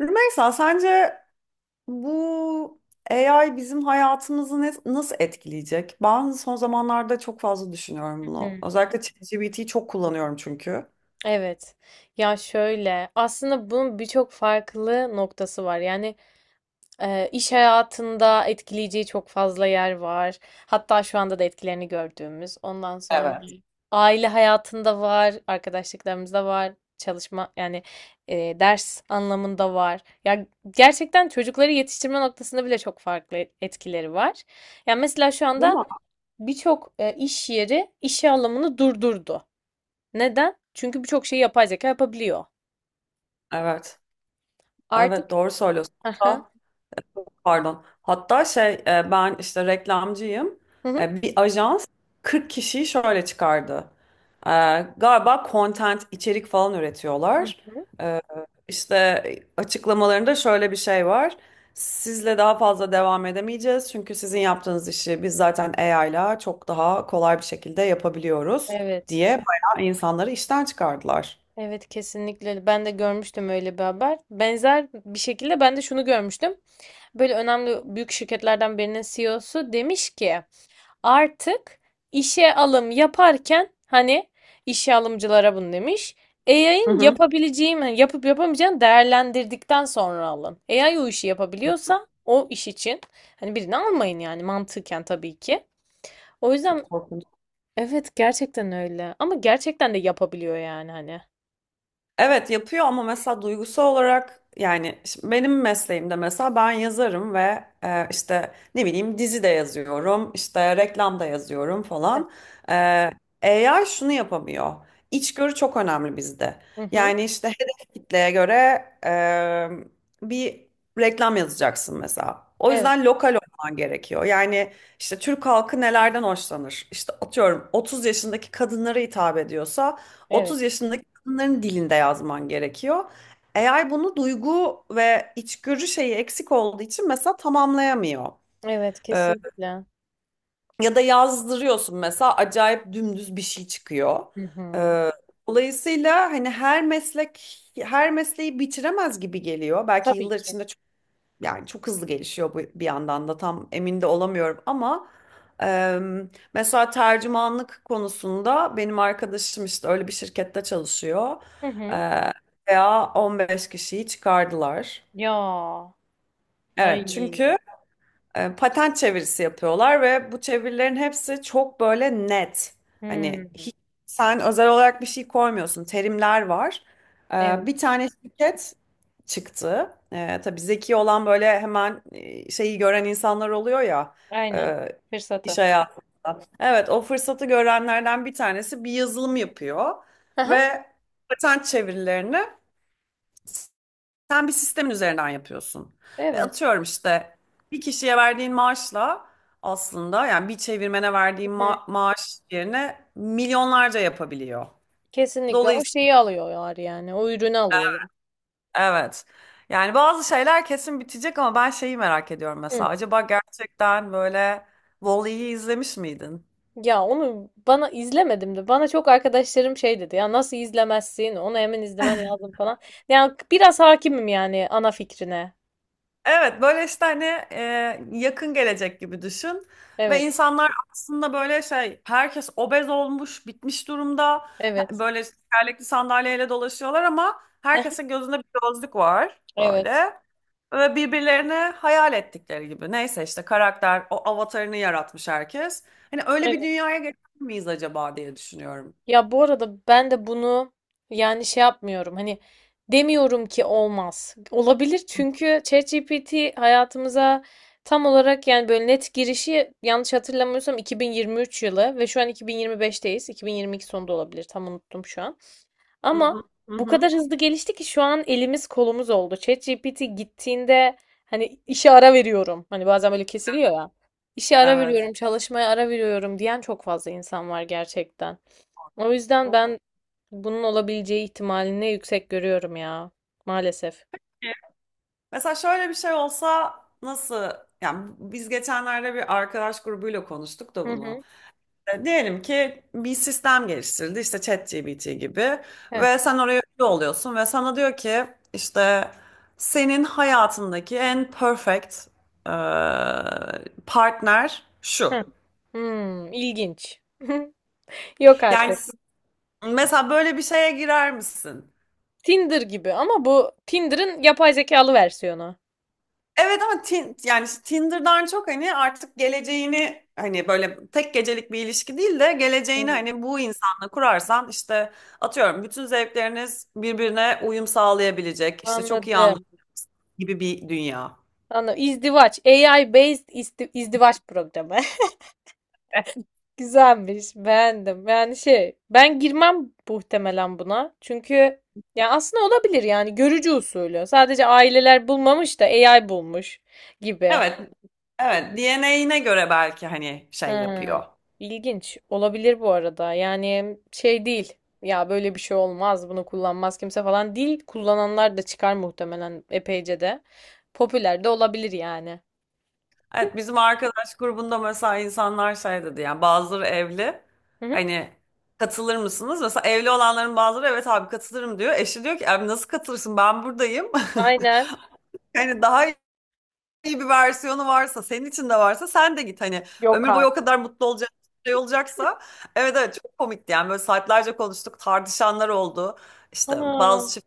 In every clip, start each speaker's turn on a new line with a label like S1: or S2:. S1: Rümeysa, sence bu AI bizim hayatımızı nasıl etkileyecek? Ben son zamanlarda çok fazla düşünüyorum bunu.
S2: Hı.
S1: Özellikle ChatGPT'yi çok kullanıyorum çünkü.
S2: Evet. Ya şöyle aslında bunun birçok farklı noktası var. İş hayatında etkileyeceği çok fazla yer var. Hatta şu anda da etkilerini gördüğümüz. Ondan sonra
S1: Evet.
S2: aile hayatında var, arkadaşlıklarımızda var, çalışma yani ders anlamında var. Ya gerçekten çocukları yetiştirme noktasında bile çok farklı etkileri var. Yani mesela şu
S1: Değil
S2: anda
S1: mi?
S2: birçok iş yeri işe alımını durdurdu. Neden? Çünkü birçok şeyi yapay zeka yapabiliyor.
S1: Evet,
S2: Artık.
S1: evet, doğru söylüyorsun.
S2: Aha.
S1: Pardon. Hatta ben işte reklamcıyım.
S2: Hı hı.
S1: Bir ajans 40 kişiyi şöyle çıkardı. E, Galiba content, içerik falan
S2: Hı
S1: üretiyorlar.
S2: hı.
S1: E, İşte açıklamalarında şöyle bir şey var. Sizle daha fazla devam edemeyeceğiz. Çünkü sizin yaptığınız işi biz zaten AI ile çok daha kolay bir şekilde yapabiliyoruz,
S2: Evet.
S1: diye bayağı insanları işten çıkardılar.
S2: Evet, kesinlikle, ben de görmüştüm öyle bir haber. Benzer bir şekilde ben de şunu görmüştüm. Böyle önemli büyük şirketlerden birinin CEO'su demiş ki artık işe alım yaparken hani işe alımcılara bunu demiş.
S1: Hı
S2: AI'ın
S1: hı.
S2: yapabileceği mi yapıp yapamayacağını değerlendirdikten sonra alın. AI o işi yapabiliyorsa o iş için hani birini almayın yani mantıken tabii ki. O
S1: Çok
S2: yüzden.
S1: korkunç.
S2: Evet, gerçekten öyle. Ama gerçekten de yapabiliyor yani hani.
S1: Evet yapıyor ama mesela duygusal olarak, yani şimdi benim mesleğimde mesela ben yazarım ve işte ne bileyim dizi de yazıyorum, işte reklam da yazıyorum falan. E, AI şunu yapamıyor. İçgörü çok önemli bizde.
S2: Hı hı.
S1: Yani işte hedef kitleye göre bir reklam yazacaksın mesela. O
S2: Evet,
S1: yüzden lokal olman gerekiyor. Yani işte Türk halkı nelerden hoşlanır? İşte atıyorum 30 yaşındaki kadınlara hitap ediyorsa,
S2: evet.
S1: 30 yaşındaki insanların dilinde yazman gerekiyor. Eğer bunu, duygu ve içgörü şeyi eksik olduğu için mesela tamamlayamıyor.
S2: Evet,
S1: Ee,
S2: kesinlikle.
S1: ya da yazdırıyorsun mesela, acayip dümdüz bir şey çıkıyor.
S2: Hı hı.
S1: Ee, dolayısıyla hani her meslek her mesleği bitiremez gibi geliyor. Belki
S2: Tabii
S1: yıllar
S2: ki.
S1: içinde çok, yani çok hızlı gelişiyor bu, bir yandan da tam emin de olamıyorum ama mesela tercümanlık konusunda benim arkadaşım işte öyle bir şirkette çalışıyor.
S2: Hı
S1: Hı.
S2: hı.
S1: Veya 15 kişiyi çıkardılar.
S2: Ya.
S1: Evet
S2: Ay.
S1: çünkü patent çevirisi yapıyorlar ve bu çevirilerin hepsi çok böyle net.
S2: Hı.
S1: Hani hiç, sen özel olarak bir şey koymuyorsun. Terimler var. E,
S2: Evet,
S1: bir tane şirket çıktı. Tabii zeki olan böyle hemen şeyi gören insanlar oluyor ya,
S2: aynen.
S1: e, iş
S2: Fırsatı.
S1: hayatında. Evet, o fırsatı görenlerden bir tanesi bir yazılım yapıyor
S2: Hı hı.
S1: ve patent çevirilerini sen bir sistemin üzerinden yapıyorsun. Ve
S2: Evet.
S1: atıyorum işte bir kişiye verdiğin maaşla, aslında yani bir çevirmene verdiğin
S2: Hı hı.
S1: maaş yerine milyonlarca yapabiliyor.
S2: Kesinlikle o
S1: Dolayısıyla
S2: şeyi alıyorlar yani. O ürünü alıyorlar.
S1: evet. Yani bazı şeyler kesin bitecek ama ben şeyi merak ediyorum mesela.
S2: Hı.
S1: Acaba gerçekten böyle... Wall-E'yi izlemiş miydin?
S2: Ya onu bana izlemedim de bana çok arkadaşlarım şey dedi ya nasıl izlemezsin onu hemen izlemen lazım falan. Yani biraz hakimim yani ana fikrine.
S1: Evet, böyle işte hani yakın gelecek gibi düşün. Ve
S2: Evet,
S1: insanlar aslında böyle şey, herkes obez olmuş bitmiş durumda.
S2: evet,
S1: Böyle tekerlekli sandalyeyle dolaşıyorlar ama herkesin gözünde bir gözlük var
S2: evet.
S1: böyle. Ve birbirlerine hayal ettikleri gibi, neyse işte karakter, o avatarını yaratmış herkes. Hani öyle bir
S2: Evet.
S1: dünyaya geçer miyiz acaba diye düşünüyorum.
S2: Ya bu arada ben de bunu yani şey yapmıyorum hani demiyorum ki olmaz. Olabilir çünkü ChatGPT hayatımıza tam olarak yani böyle net girişi yanlış hatırlamıyorsam 2023 yılı ve şu an 2025'teyiz. 2022 sonunda olabilir, tam unuttum şu an.
S1: Hı hı.
S2: Ama
S1: Hı
S2: bu
S1: hı.
S2: kadar hızlı gelişti ki şu an elimiz kolumuz oldu. ChatGPT gittiğinde hani işe ara veriyorum. Hani bazen böyle kesiliyor ya. İşe ara
S1: Evet.
S2: veriyorum, çalışmaya ara veriyorum diyen çok fazla insan var gerçekten. O yüzden
S1: Çok.
S2: ben bunun olabileceği ihtimalini yüksek görüyorum ya. Maalesef.
S1: Mesela şöyle bir şey olsa, nasıl yani, biz geçenlerde bir arkadaş grubuyla konuştuk
S2: Hı
S1: da bunu.
S2: hı.
S1: Diyelim ki bir sistem geliştirildi işte ChatGPT gibi,
S2: Heh,
S1: ve sen oraya üye oluyorsun ve sana diyor ki işte senin hayatındaki en perfect e, partner şu.
S2: heh. Hmm, ilginç. Yok
S1: Yani
S2: artık.
S1: mesela böyle bir şeye girer misin?
S2: Tinder gibi ama bu Tinder'ın yapay zekalı versiyonu.
S1: Evet ama yani işte, Tinder'dan çok, hani artık geleceğini, hani böyle tek gecelik bir ilişki değil de geleceğini
S2: Hmm.
S1: hani bu insanla kurarsan, işte atıyorum bütün zevkleriniz birbirine uyum sağlayabilecek, işte çok iyi
S2: Anladım.
S1: anlaşma gibi bir dünya.
S2: Anladım. İzdivaç. AI based isti- izdivaç programı. Güzelmiş. Beğendim. Yani şey ben girmem muhtemelen buna. Çünkü ya aslında olabilir yani görücü usulü. Sadece aileler bulmamış da AI bulmuş gibi.
S1: Evet. Evet, DNA'ine göre belki hani şey
S2: Hmm.
S1: yapıyor.
S2: İlginç. Olabilir bu arada. Yani şey değil. Ya böyle bir şey olmaz. Bunu kullanmaz kimse falan değil. Kullananlar da çıkar muhtemelen epeyce de. Popüler de olabilir yani.
S1: Evet, bizim arkadaş grubunda mesela insanlar şey dedi yani, bazıları evli,
S2: Hı hı.
S1: hani katılır mısınız? Mesela evli olanların bazıları evet abi katılırım diyor. Eşi diyor ki, abi nasıl katılırsın, ben buradayım.
S2: Aynen.
S1: Yani daha iyi bir versiyonu varsa, senin için de varsa, sen de git hani,
S2: Yok
S1: ömür boyu o
S2: artık.
S1: kadar mutlu olacak, şey olacaksa, evet evet çok komikti, yani böyle saatlerce konuştuk, tartışanlar oldu. İşte
S2: Ana.
S1: bazı çift.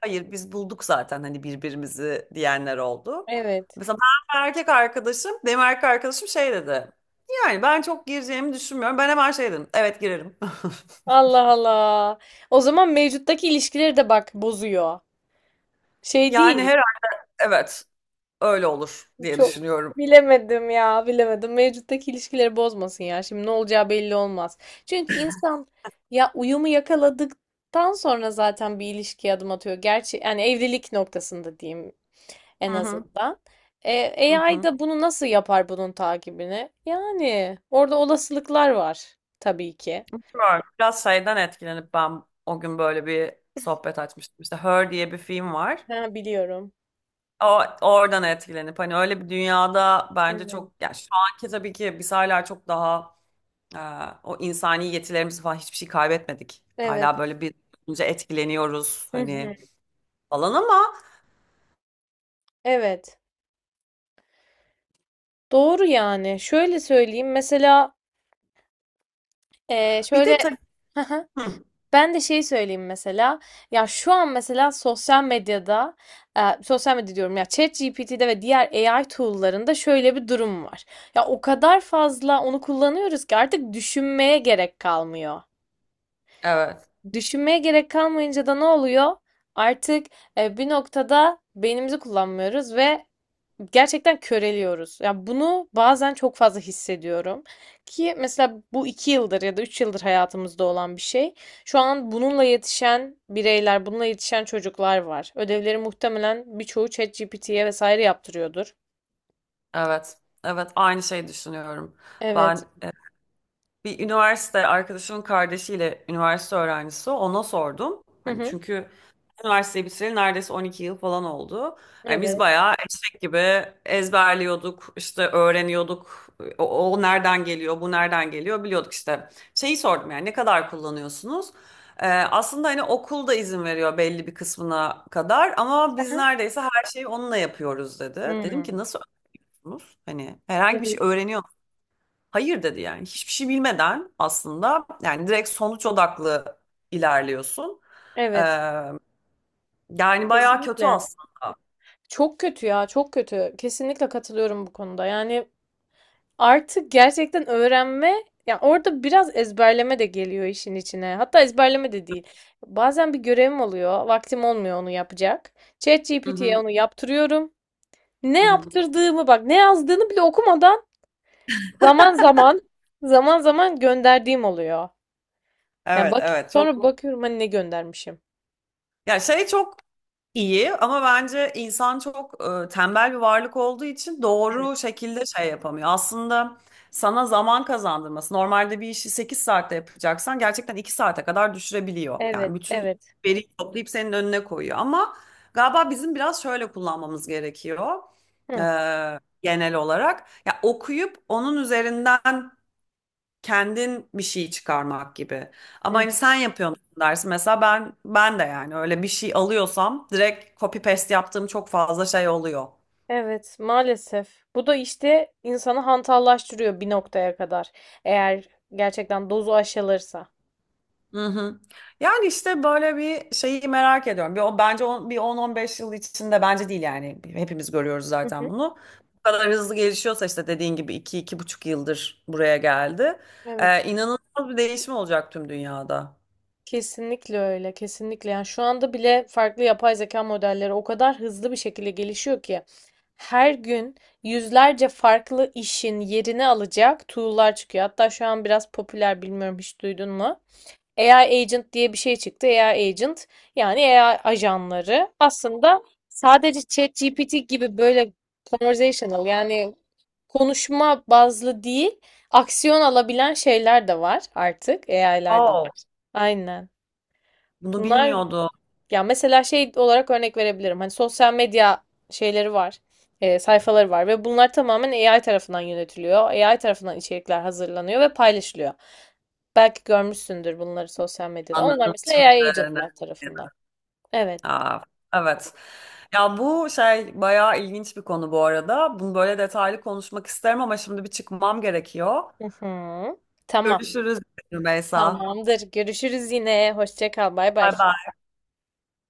S1: Hayır, biz bulduk zaten hani birbirimizi, diyenler oldu.
S2: Evet.
S1: Mesela ben ve erkek arkadaşım, benim erkek arkadaşım şey dedi. Yani ben çok gireceğimi düşünmüyorum. Ben hemen şey dedim. Evet girerim.
S2: Allah Allah. O zaman mevcuttaki ilişkileri de bak bozuyor. Şey
S1: Yani
S2: değil.
S1: herhalde, evet, öyle olur diye
S2: Çok
S1: düşünüyorum.
S2: bilemedim ya, bilemedim. Mevcuttaki ilişkileri bozmasın ya. Şimdi ne olacağı belli olmaz. Çünkü insan ya uyumu yakaladıktan sonra zaten bir ilişkiye adım atıyor. Gerçi yani evlilik noktasında diyeyim en
S1: Hı hı,
S2: azından.
S1: hı
S2: AI
S1: hı.
S2: da bunu nasıl yapar bunun takibini? Yani orada olasılıklar var tabii ki.
S1: Bilmiyorum, biraz şeyden etkilenip ben o gün böyle bir sohbet açmıştım. İşte Her diye bir film var.
S2: Ha, biliyorum.
S1: Oradan etkilenip, hani öyle bir dünyada bence
S2: Evet.
S1: çok, yani şu anki tabii ki biz hala çok daha Ee, o insani yetilerimizi falan hiçbir şey kaybetmedik. Hala
S2: Evet.
S1: böyle bir olunca etkileniyoruz
S2: Hı
S1: hani
S2: hı.
S1: falan, ama
S2: Evet. Doğru yani. Şöyle söyleyeyim. Mesela
S1: bir
S2: şöyle
S1: de tabii. Hı,
S2: ben de şey söyleyeyim mesela. Ya şu an mesela sosyal medyada sosyal medya diyorum ya ChatGPT'de ve diğer AI tool'larında şöyle bir durum var. Ya o kadar fazla onu kullanıyoruz ki artık düşünmeye gerek kalmıyor.
S1: evet,
S2: Düşünmeye gerek kalmayınca da ne oluyor? Artık bir noktada beynimizi kullanmıyoruz ve gerçekten köreliyoruz. Ya bunu bazen çok fazla hissediyorum ki mesela bu iki yıldır ya da üç yıldır hayatımızda olan bir şey. Şu an bununla yetişen bireyler, bununla yetişen çocuklar var. Ödevleri muhtemelen birçoğu ChatGPT'ye vesaire yaptırıyordur.
S1: evet, evet, aynı şeyi düşünüyorum.
S2: Evet.
S1: Ben bir üniversite arkadaşımın kardeşiyle, üniversite öğrencisi o, ona sordum.
S2: Hı
S1: Hani
S2: hı.
S1: çünkü üniversiteyi bitireli neredeyse 12 yıl falan oldu. Hani biz
S2: Evet.
S1: bayağı eşek gibi ezberliyorduk, işte öğreniyorduk. O nereden geliyor, bu nereden geliyor biliyorduk işte. Şeyi sordum yani, ne kadar kullanıyorsunuz? Aslında hani okul da izin veriyor belli bir kısmına kadar ama biz
S2: Aha.
S1: neredeyse her şeyi onunla yapıyoruz dedi. Dedim ki,
S2: Hmm.
S1: nasıl öğreniyorsunuz? Hani herhangi bir şey
S2: Evet.
S1: öğreniyor, hayır dedi, yani hiçbir şey bilmeden aslında, yani direkt sonuç odaklı ilerliyorsun. Ee,
S2: Evet.
S1: yani bayağı kötü
S2: Kesinlikle.
S1: aslında.
S2: Çok kötü ya, çok kötü. Kesinlikle katılıyorum bu konuda. Yani artık gerçekten öğrenme, yani orada biraz ezberleme de geliyor işin içine. Hatta ezberleme de değil. Bazen bir görevim oluyor, vaktim olmuyor onu yapacak.
S1: Hı
S2: ChatGPT'ye
S1: hı,
S2: onu yaptırıyorum. Ne
S1: hı hı.
S2: yaptırdığımı bak, ne yazdığını bile okumadan zaman zaman zaman zaman gönderdiğim oluyor. Yani
S1: Evet,
S2: bak,
S1: evet, çok.
S2: sonra bakıyorum hani ne göndermişim.
S1: Ya şey, çok İyi ama bence insan çok tembel bir varlık olduğu için
S2: Evet.
S1: doğru şekilde şey yapamıyor. Aslında sana zaman kazandırması, normalde bir işi 8 saatte yapacaksan gerçekten 2 saate kadar düşürebiliyor. Yani
S2: Evet,
S1: bütün
S2: evet.
S1: veriyi toplayıp senin önüne koyuyor. Ama galiba bizim biraz şöyle kullanmamız gerekiyor,
S2: Hı,
S1: Genel olarak. Ya okuyup onun üzerinden kendin bir şey çıkarmak gibi. Ama
S2: hı.
S1: hani sen yapıyorsun dersin. Mesela ben de, yani öyle bir şey alıyorsam direkt copy paste yaptığım çok fazla şey oluyor.
S2: Evet, maalesef. Bu da işte insanı hantallaştırıyor bir noktaya kadar. Eğer gerçekten dozu aşılırsa.
S1: Hı hı. Yani işte böyle bir şeyi merak ediyorum. Bence on, bir 10-15 yıl içinde, bence değil yani. Hepimiz görüyoruz
S2: Hı
S1: zaten
S2: hı.
S1: bunu. Bu kadar hızlı gelişiyorsa, işte dediğin gibi, iki 2,5 yıldır buraya geldi.
S2: Evet.
S1: İnanılmaz bir değişim olacak tüm dünyada.
S2: Kesinlikle öyle, kesinlikle. Yani şu anda bile farklı yapay zeka modelleri o kadar hızlı bir şekilde gelişiyor ki her gün yüzlerce farklı işin yerini alacak tool'lar çıkıyor. Hatta şu an biraz popüler, bilmiyorum, hiç duydun mu? AI agent diye bir şey çıktı. AI agent yani AI ajanları aslında sadece ChatGPT gibi böyle conversational yani konuşma bazlı değil, aksiyon alabilen şeyler de var artık AI'larda.
S1: Oo.
S2: Aynen.
S1: Bunu
S2: Bunlar
S1: bilmiyordum.
S2: ya mesela şey olarak örnek verebilirim. Hani sosyal medya şeyleri var, sayfaları var ve bunlar tamamen AI tarafından yönetiliyor. AI tarafından içerikler hazırlanıyor ve paylaşılıyor. Belki görmüşsündür bunları sosyal medyada. Onlar
S1: Anladım
S2: mesela AI
S1: şimdi.
S2: agentlar tarafından. Evet.
S1: Aa, evet. Ya bu şey bayağı ilginç bir konu bu arada. Bunu böyle detaylı konuşmak isterim ama şimdi bir çıkmam gerekiyor.
S2: Hı hı. Tamam.
S1: Görüşürüz Rümeysa.
S2: Tamamdır. Görüşürüz yine. Hoşça kal. Bay bay.
S1: Bay bay.